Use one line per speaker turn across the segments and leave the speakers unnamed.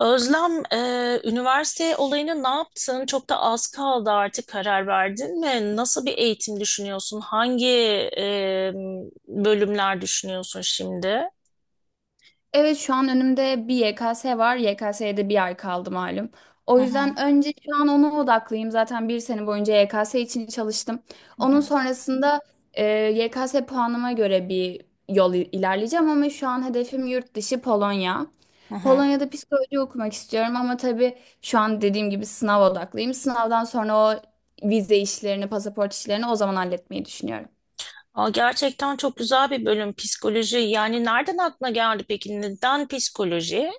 Özlem, üniversite olayını ne yaptın? Çok da az kaldı artık karar verdin mi? Nasıl bir eğitim düşünüyorsun? Hangi e, bölümler düşünüyorsun şimdi?
Evet şu an önümde bir YKS var. YKS'ye de bir ay kaldı malum.
Hı
O
hı,
yüzden önce şu an ona odaklıyım. Zaten bir sene boyunca YKS için çalıştım.
hı
Onun
hı,
sonrasında e, YKS puanıma göre bir ilerleyeceğim ama şu an hedefim yurt dışı Polonya.
hı hı.
Polonya'da psikoloji okumak istiyorum ama tabii şu an dediğim gibi sınav odaklıyım. Sınavdan sonra o vize işlerini, pasaport işlerini o zaman halletmeyi düşünüyorum.
Aa, gerçekten çok güzel bir bölüm psikoloji. Yani nereden aklına geldi peki? Neden psikoloji?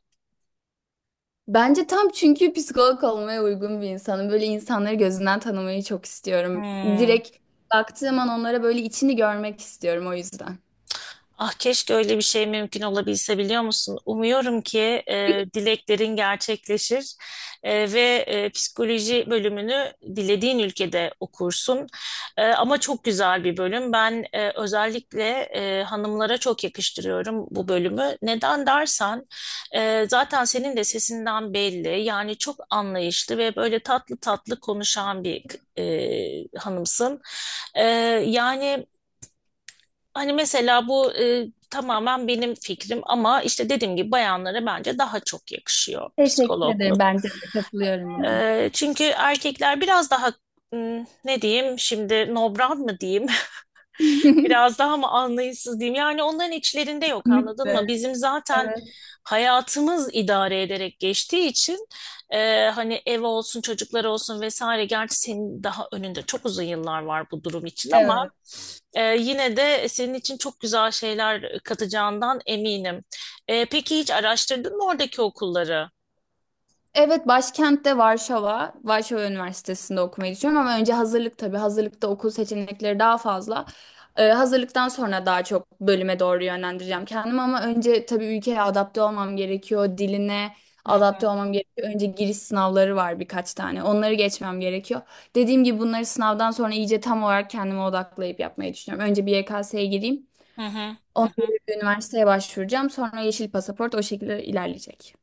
Bence tam çünkü psikolog olmaya uygun bir insanım. Böyle insanları gözünden tanımayı çok istiyorum.
Hmm.
Direkt baktığım an onlara böyle içini görmek istiyorum o yüzden.
Ah keşke öyle bir şey mümkün olabilse biliyor musun? Umuyorum ki dileklerin gerçekleşir ve psikoloji bölümünü dilediğin ülkede okursun. Ama çok güzel bir bölüm. Ben özellikle hanımlara çok yakıştırıyorum bu bölümü. Neden dersen zaten senin de sesinden belli. Yani çok anlayışlı ve böyle tatlı tatlı konuşan bir hanımsın. E, yani. Hani mesela bu tamamen benim fikrim ama işte dediğim gibi bayanlara bence daha çok yakışıyor
Teşekkür ederim.
psikologluk.
Bence de katılıyorum buna.
Çünkü erkekler biraz daha ne diyeyim şimdi, nobran mı diyeyim? Biraz daha mı anlayışsız diyeyim? Yani onların içlerinde yok, anladın
Kesinlikle.
mı? Bizim zaten
Evet.
hayatımız idare ederek geçtiği için hani ev olsun, çocuklar olsun vesaire. Gerçi senin daha önünde çok uzun yıllar var bu durum için ama
Evet.
yine de senin için çok güzel şeyler katacağından eminim. Peki hiç araştırdın mı oradaki okulları?
Evet, başkentte Varşova, Varşova Üniversitesi'nde okumayı düşünüyorum ama önce hazırlık tabii. Hazırlıkta okul seçenekleri daha fazla. Hazırlıktan sonra daha çok bölüme doğru yönlendireceğim kendimi ama önce tabii ülkeye adapte olmam gerekiyor. Diline
Hı
adapte
hı,
olmam gerekiyor. Önce giriş sınavları var birkaç tane. Onları geçmem gerekiyor. Dediğim gibi bunları sınavdan sonra iyice tam olarak kendime odaklayıp yapmayı düşünüyorum. Önce bir YKS'ye gireyim.
hı hı, hı
Ondan sonra
hı.
bir üniversiteye başvuracağım. Sonra yeşil pasaport o şekilde ilerleyecek.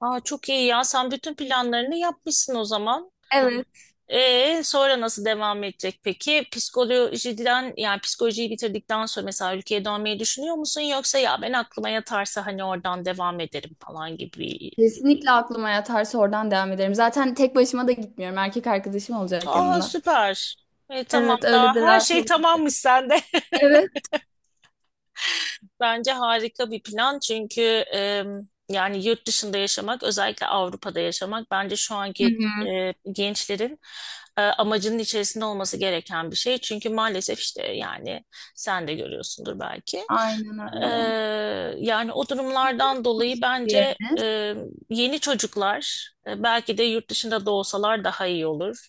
Aa, çok iyi ya. Sen bütün planlarını yapmışsın o zaman.
Evet.
Sonra nasıl devam edecek peki? Psikolojiden, yani psikolojiyi bitirdikten sonra mesela ülkeye dönmeyi düşünüyor musun? Yoksa ya ben aklıma yatarsa hani oradan devam ederim falan gibi.
Kesinlikle aklıma yatarsa oradan devam ederim. Zaten tek başıma da gitmiyorum. Erkek arkadaşım olacak
Aa,
yanımda.
süper. Tamam
Evet, öyle
daha
de
her
rahat
şey
olur.
tamammış sende.
Evet.
Bence harika bir plan çünkü e, yani yurt dışında yaşamak, özellikle Avrupa'da yaşamak bence şu
Hı
anki
hı.
gençlerin amacının içerisinde olması gereken bir şey. Çünkü maalesef, işte yani sen de görüyorsundur belki.
Aynen
E,
öyle.
yani o durumlardan dolayı bence
Diğeriniz
yeni çocuklar belki de yurt dışında doğsalar daha iyi olur.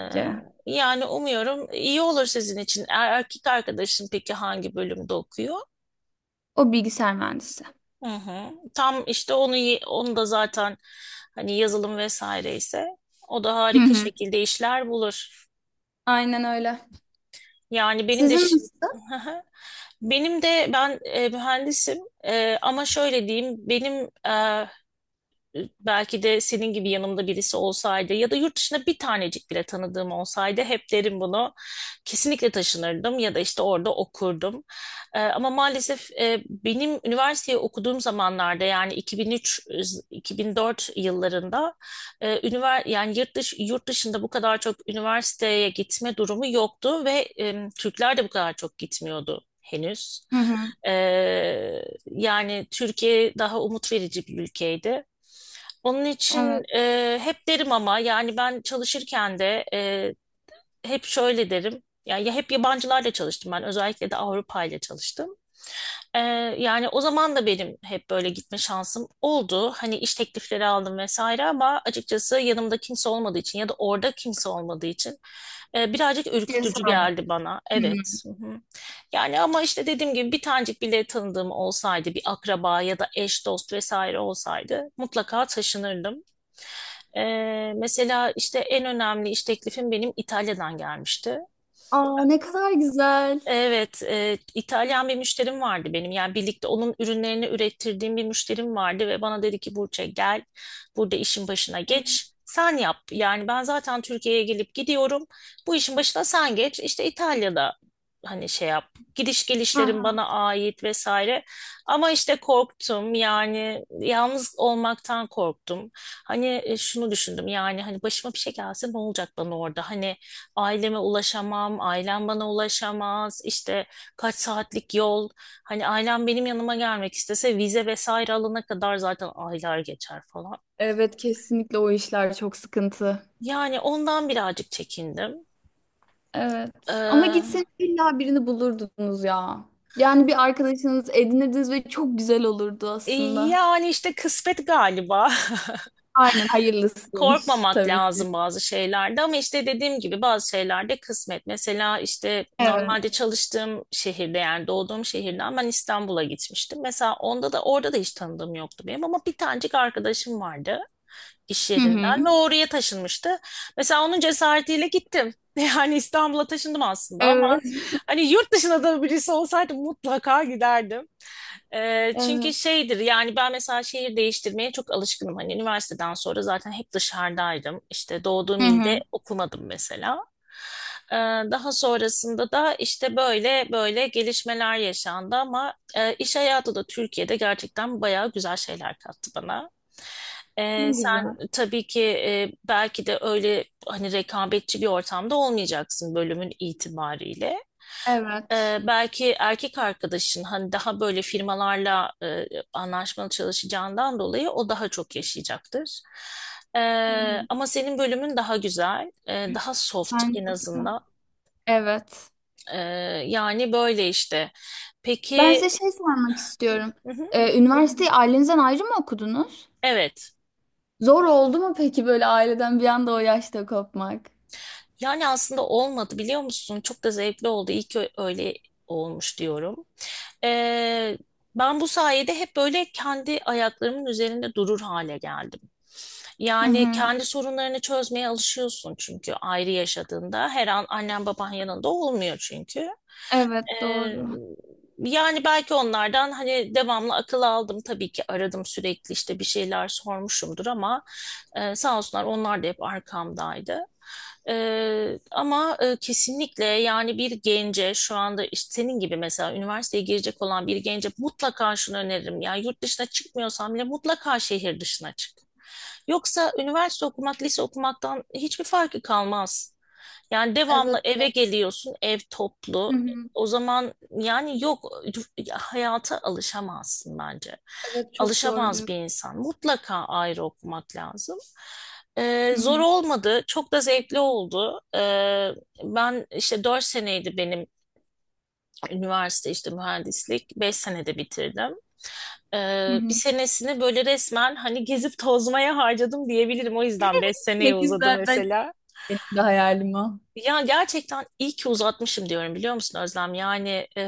E, yani umuyorum iyi olur sizin için. Erkek arkadaşın peki hangi bölümde okuyor?
O bilgisayar mühendisi.
Hı hı. Tam işte onu onu da zaten hani yazılım vesaire ise o da
Hı
harika
hı.
şekilde işler bulur.
Aynen öyle.
Yani benim de
Sizin nasıl?
Hı hı. Benim de, ben mühendisim. Ama şöyle diyeyim, benim belki de senin gibi yanımda birisi olsaydı ya da yurt dışında bir tanecik bile tanıdığım olsaydı, hep derim bunu. Kesinlikle taşınırdım ya da işte orada okurdum. Ama maalesef benim üniversiteyi okuduğum zamanlarda, yani 2003-2004 yıllarında yani yurt dışında bu kadar çok üniversiteye gitme durumu yoktu ve Türkler de bu kadar çok gitmiyordu henüz.
Hı hı.
Ee, yani Türkiye daha umut verici bir ülkeydi. Onun için
Evet.
hep derim ama yani ben çalışırken de hep şöyle derim. Yani ya hep yabancılarla çalıştım ben, özellikle de Avrupa ile çalıştım. Ee, yani o zaman da benim hep böyle gitme şansım oldu. Hani iş teklifleri aldım vesaire ama açıkçası yanımda kimse olmadığı için ya da orada kimse olmadığı için birazcık ürkütücü
Cesaret.
geldi bana.
Hı hı.
Evet. Hı hı. Yani ama işte dediğim gibi bir tanecik bile tanıdığım olsaydı, bir akraba ya da eş dost vesaire olsaydı, mutlaka taşınırdım. Mesela işte en önemli iş teklifim benim İtalya'dan gelmişti.
Aa ne kadar güzel.
Evet, İtalyan bir müşterim vardı benim. Yani birlikte onun ürünlerini ürettirdiğim bir müşterim vardı ve bana dedi ki, Burçe gel, burada işin başına
Evet.
geç. Sen yap. Yani ben zaten Türkiye'ye gelip gidiyorum. Bu işin başına sen geç. İşte İtalya'da hani şey yap. Gidiş
Hı
gelişlerim
hı.
bana ait vesaire. Ama işte korktum. Yani yalnız olmaktan korktum. Hani şunu düşündüm. Yani hani başıma bir şey gelse ne olacak bana orada? Hani aileme ulaşamam, ailem bana ulaşamaz, işte kaç saatlik yol. Hani ailem benim yanıma gelmek istese vize vesaire alana kadar zaten aylar geçer falan.
Evet kesinlikle o işler çok sıkıntı.
Yani ondan birazcık çekindim.
Evet. Ama gitseniz
Ee,
illa birini bulurdunuz ya. Yani bir arkadaşınız edinirdiniz ve çok güzel olurdu aslında.
yani işte kısmet galiba.
Aynen hayırlısıymış
Korkmamak
tabii ki.
lazım bazı şeylerde ama işte dediğim gibi bazı şeylerde kısmet. Mesela işte
Evet.
normalde çalıştığım şehirde, yani doğduğum şehirden ben İstanbul'a gitmiştim. Mesela onda da, orada da hiç tanıdığım yoktu benim ama bir tanecik arkadaşım vardı iş
Hı hı.
yerinden ve oraya taşınmıştı. Mesela onun cesaretiyle gittim. Yani İstanbul'a taşındım aslında ama
Evet.
hani yurt dışında da birisi olsaydı mutlaka giderdim. Çünkü
Evet.
şeydir, yani ben mesela şehir değiştirmeye çok alışkınım. Hani üniversiteden sonra zaten hep dışarıdaydım. İşte
Hı
doğduğum ilde
hı.
okumadım mesela. Ee, daha sonrasında da işte böyle böyle gelişmeler yaşandı ama iş hayatı da Türkiye'de gerçekten bayağı güzel şeyler kattı bana.
Ne
Sen
güzel.
tabii ki belki de öyle hani rekabetçi bir ortamda olmayacaksın bölümün itibariyle. Ee,
Evet.
belki erkek arkadaşın hani daha böyle firmalarla anlaşmalı çalışacağından dolayı o daha çok yaşayacaktır. Ee,
Hı hı.
ama senin bölümün daha güzel, daha soft en
Bence de.
azından.
Evet.
Ee, yani böyle işte.
Ben
Peki,
size şey sormak istiyorum.
hı hı,
Üniversiteyi ailenizden ayrı mı okudunuz?
evet.
Zor oldu mu peki böyle aileden bir anda o yaşta kopmak?
Yani aslında olmadı, biliyor musun? Çok da zevkli oldu. İyi ki öyle olmuş diyorum. Ee, ben bu sayede hep böyle kendi ayaklarımın üzerinde durur hale geldim.
Hı
Yani
hı.
kendi sorunlarını çözmeye alışıyorsun çünkü ayrı yaşadığında. Her an annen baban yanında olmuyor çünkü.
Evet
Ee,
doğru.
yani belki onlardan hani devamlı akıl aldım, tabii ki aradım sürekli, işte bir şeyler sormuşumdur ama sağ olsunlar, onlar da hep arkamdaydı. Ama kesinlikle, yani bir gence, şu anda işte senin gibi mesela üniversiteye girecek olan bir gence mutlaka şunu öneririm. Yani yurt dışına çıkmıyorsan bile mutlaka şehir dışına çık. Yoksa üniversite okumak, lise okumaktan hiçbir farkı kalmaz. Yani
Evet.
devamlı eve geliyorsun, ev toplu.
Hı hı.
O zaman yani yok, hayata alışamazsın bence.
Evet çok doğru
Alışamaz bir
diyorsun.
insan. Mutlaka ayrı okumak lazım. Ee,
Hı
zor
hı.
olmadı. Çok da zevkli oldu. Ben işte 4 seneydi benim üniversite, işte mühendislik. 5 senede bitirdim.
Hı
Bir
hı.
senesini böyle resmen hani gezip tozmaya harcadım diyebilirim. O yüzden 5
Ne
seneye uzadı
güzel ben
mesela.
benim de hayalim o.
Ya gerçekten iyi ki uzatmışım diyorum, biliyor musun Özlem? Yani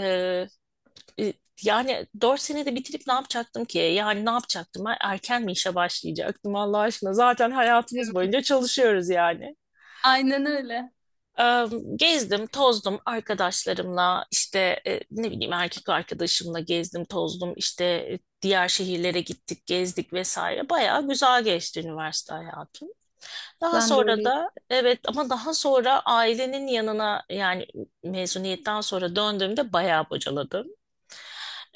e, yani 4 senede bitirip ne yapacaktım ki? Yani ne yapacaktım ben? Erken mi işe başlayacaktım Allah aşkına? Zaten hayatımız
Evet.
boyunca çalışıyoruz yani.
Aynen öyle.
Eee, Gezdim, tozdum arkadaşlarımla, işte ne bileyim erkek arkadaşımla gezdim, tozdum, işte diğer şehirlere gittik, gezdik vesaire. Bayağı güzel geçti üniversite hayatı. Daha
Ben de
sonra
öyleyim.
da, evet, ama daha sonra ailenin yanına, yani mezuniyetten sonra döndüğümde bayağı bocaladım.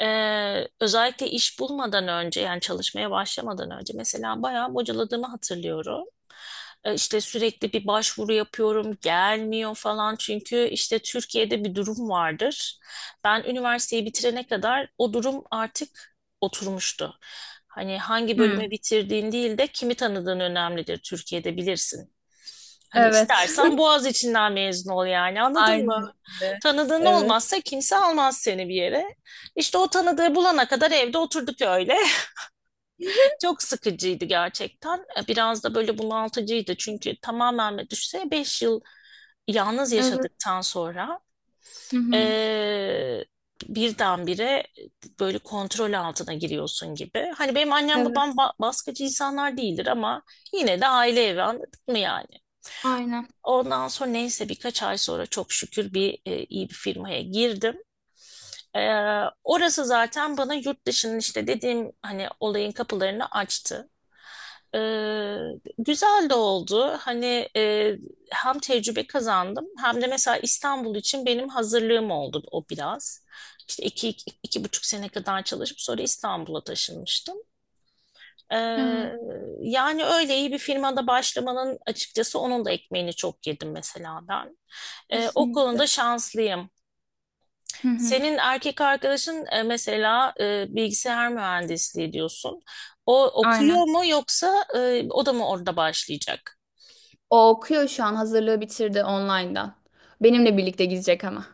Özellikle iş bulmadan önce, yani çalışmaya başlamadan önce mesela bayağı bocaladığımı hatırlıyorum. İşte sürekli bir başvuru yapıyorum, gelmiyor falan çünkü işte Türkiye'de bir durum vardır. Ben üniversiteyi bitirene kadar o durum artık oturmuştu. Hani hangi
Hı.
bölümü bitirdiğin değil de kimi tanıdığın önemlidir Türkiye'de, bilirsin. Hani
Evet.
istersen Boğaz içinden mezun ol, yani anladın mı?
Aynen öyle.
Tanıdığın
Evet.
olmazsa kimse almaz seni bir yere. İşte o tanıdığı bulana kadar evde oturduk öyle. Çok sıkıcıydı gerçekten. Biraz da böyle bunaltıcıydı çünkü tamamen düşse 5 yıl yalnız
Evet.
yaşadıktan sonra
Hı hı.
eee birdenbire böyle kontrol altına giriyorsun gibi. Hani benim annem
Evet.
babam baskıcı insanlar değildir ama yine de aile evi, anladın mı yani?
Aynen.
Ondan sonra neyse, birkaç ay sonra çok şükür iyi bir firmaya girdim. E, orası zaten bana yurt dışının, işte dediğim hani olayın kapılarını açtı. E, güzel de oldu. Hani hem tecrübe kazandım, hem de mesela İstanbul için benim hazırlığım oldu o biraz. İşte iki buçuk sene kadar çalışıp sonra İstanbul'a taşınmıştım.
Evet.
E, yani öyle iyi bir firmada başlamanın açıkçası onun da ekmeğini çok yedim mesela ben. O
Kesinlikle.
konuda şanslıyım.
Hı hı.
Senin erkek arkadaşın mesela bilgisayar mühendisliği diyorsun. O okuyor
Aynen.
mu, yoksa o da mı orada başlayacak?
O okuyor şu an hazırlığı bitirdi online'dan. Benimle birlikte gidecek ama.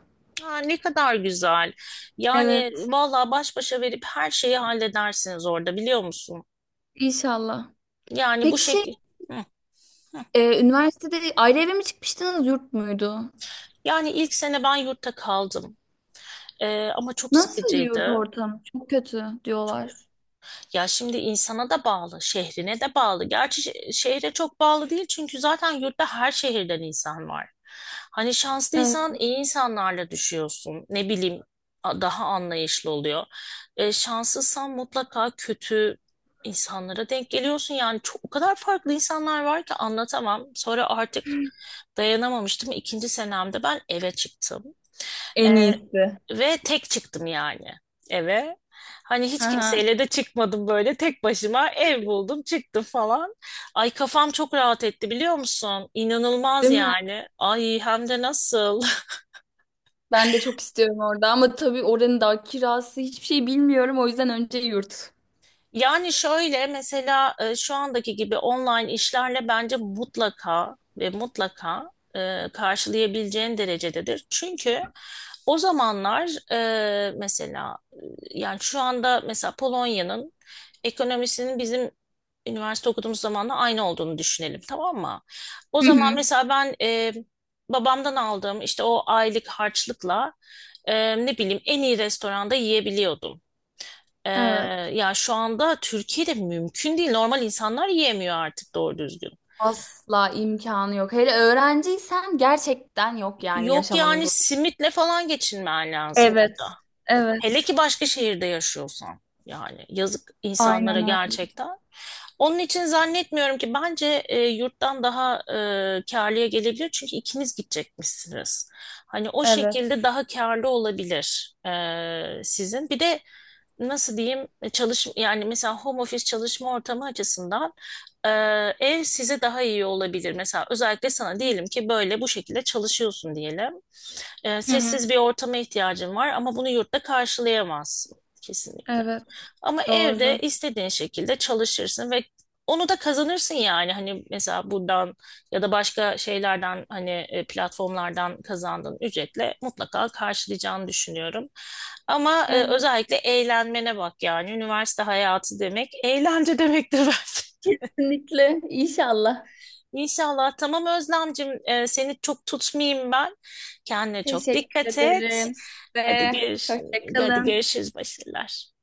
Ha, ne kadar güzel. Yani
Evet.
vallahi baş başa verip her şeyi halledersiniz orada, biliyor musun?
İnşallah.
Yani bu
Peki şey
şekil. Hı, hı.
üniversitede ayrı eve mi çıkmıştınız yurt muydu?
Yani ilk sene ben yurtta kaldım. Ama çok
Nasıl yurt
sıkıcıydı.
ortamı? Çok kötü diyorlar.
Ya şimdi insana da bağlı, şehrine de bağlı. Gerçi şehre çok bağlı değil çünkü zaten yurtta her şehirden insan var. Hani
Evet.
şanslıysan iyi insanlarla düşüyorsun. Ne bileyim, daha anlayışlı oluyor. Şanssızsan mutlaka kötü insanlara denk geliyorsun. Yani çok, o kadar farklı insanlar var ki anlatamam. Sonra artık dayanamamıştım. İkinci senemde ben eve çıktım. E,
En iyisi.
ve tek çıktım yani eve. Hani
Hı
hiç
hı.
kimseyle de çıkmadım, böyle tek başıma ev buldum, çıktım falan. Ay kafam çok rahat etti, biliyor musun? İnanılmaz
Değil mi?
yani. Ay hem de nasıl?
Ben de çok istiyorum orada ama tabii oranın da kirası hiçbir şey bilmiyorum o yüzden önce yurt.
Yani şöyle mesela, şu andaki gibi online işlerle bence mutlaka ve mutlaka karşılayabileceğin derecededir. Çünkü o zamanlar mesela yani şu anda mesela Polonya'nın ekonomisinin bizim üniversite okuduğumuz zamanla aynı olduğunu düşünelim, tamam mı? O
Hı
zaman
hı.
mesela ben babamdan aldığım işte o aylık harçlıkla ne bileyim en iyi restoranda yiyebiliyordum. Ee,
Evet.
ya şu anda Türkiye'de mümkün değil. Normal insanlar yiyemiyor artık doğru düzgün.
Asla imkanı yok. Hele öğrenciysen gerçekten yok yani
Yok
yaşamanın
yani,
burada.
simitle falan geçinmen lazım burada.
Evet,
Hele
evet.
ki başka şehirde yaşıyorsan. Yani yazık insanlara
Aynen öyle.
gerçekten. Onun için zannetmiyorum ki, bence yurttan daha kârlıya gelebilir. Çünkü ikiniz gidecekmişsiniz. Hani o
Evet,
şekilde daha kârlı olabilir sizin. Bir de nasıl diyeyim, çalış, yani mesela home office çalışma ortamı açısından e, ev size daha iyi olabilir. Mesela özellikle sana diyelim ki böyle bu şekilde çalışıyorsun diyelim. E,
Hı hı.
sessiz bir ortama ihtiyacın var ama bunu yurtta karşılayamazsın kesinlikle.
evet.
Ama evde
Doğru.
istediğin şekilde çalışırsın ve onu da kazanırsın yani. Hani mesela buradan ya da başka şeylerden hani platformlardan kazandığın ücretle mutlaka karşılayacağını düşünüyorum. Ama
Evet.
özellikle eğlenmene bak yani. Üniversite hayatı demek eğlence demektir bence.
Kesinlikle. İnşallah.
İnşallah. Tamam Özlemcim, seni çok tutmayayım ben. Kendine çok
Teşekkür
dikkat et.
ederim
Hadi
size.
görüş,
Hoşça
hadi
kalın.
görüşürüz, başarılar.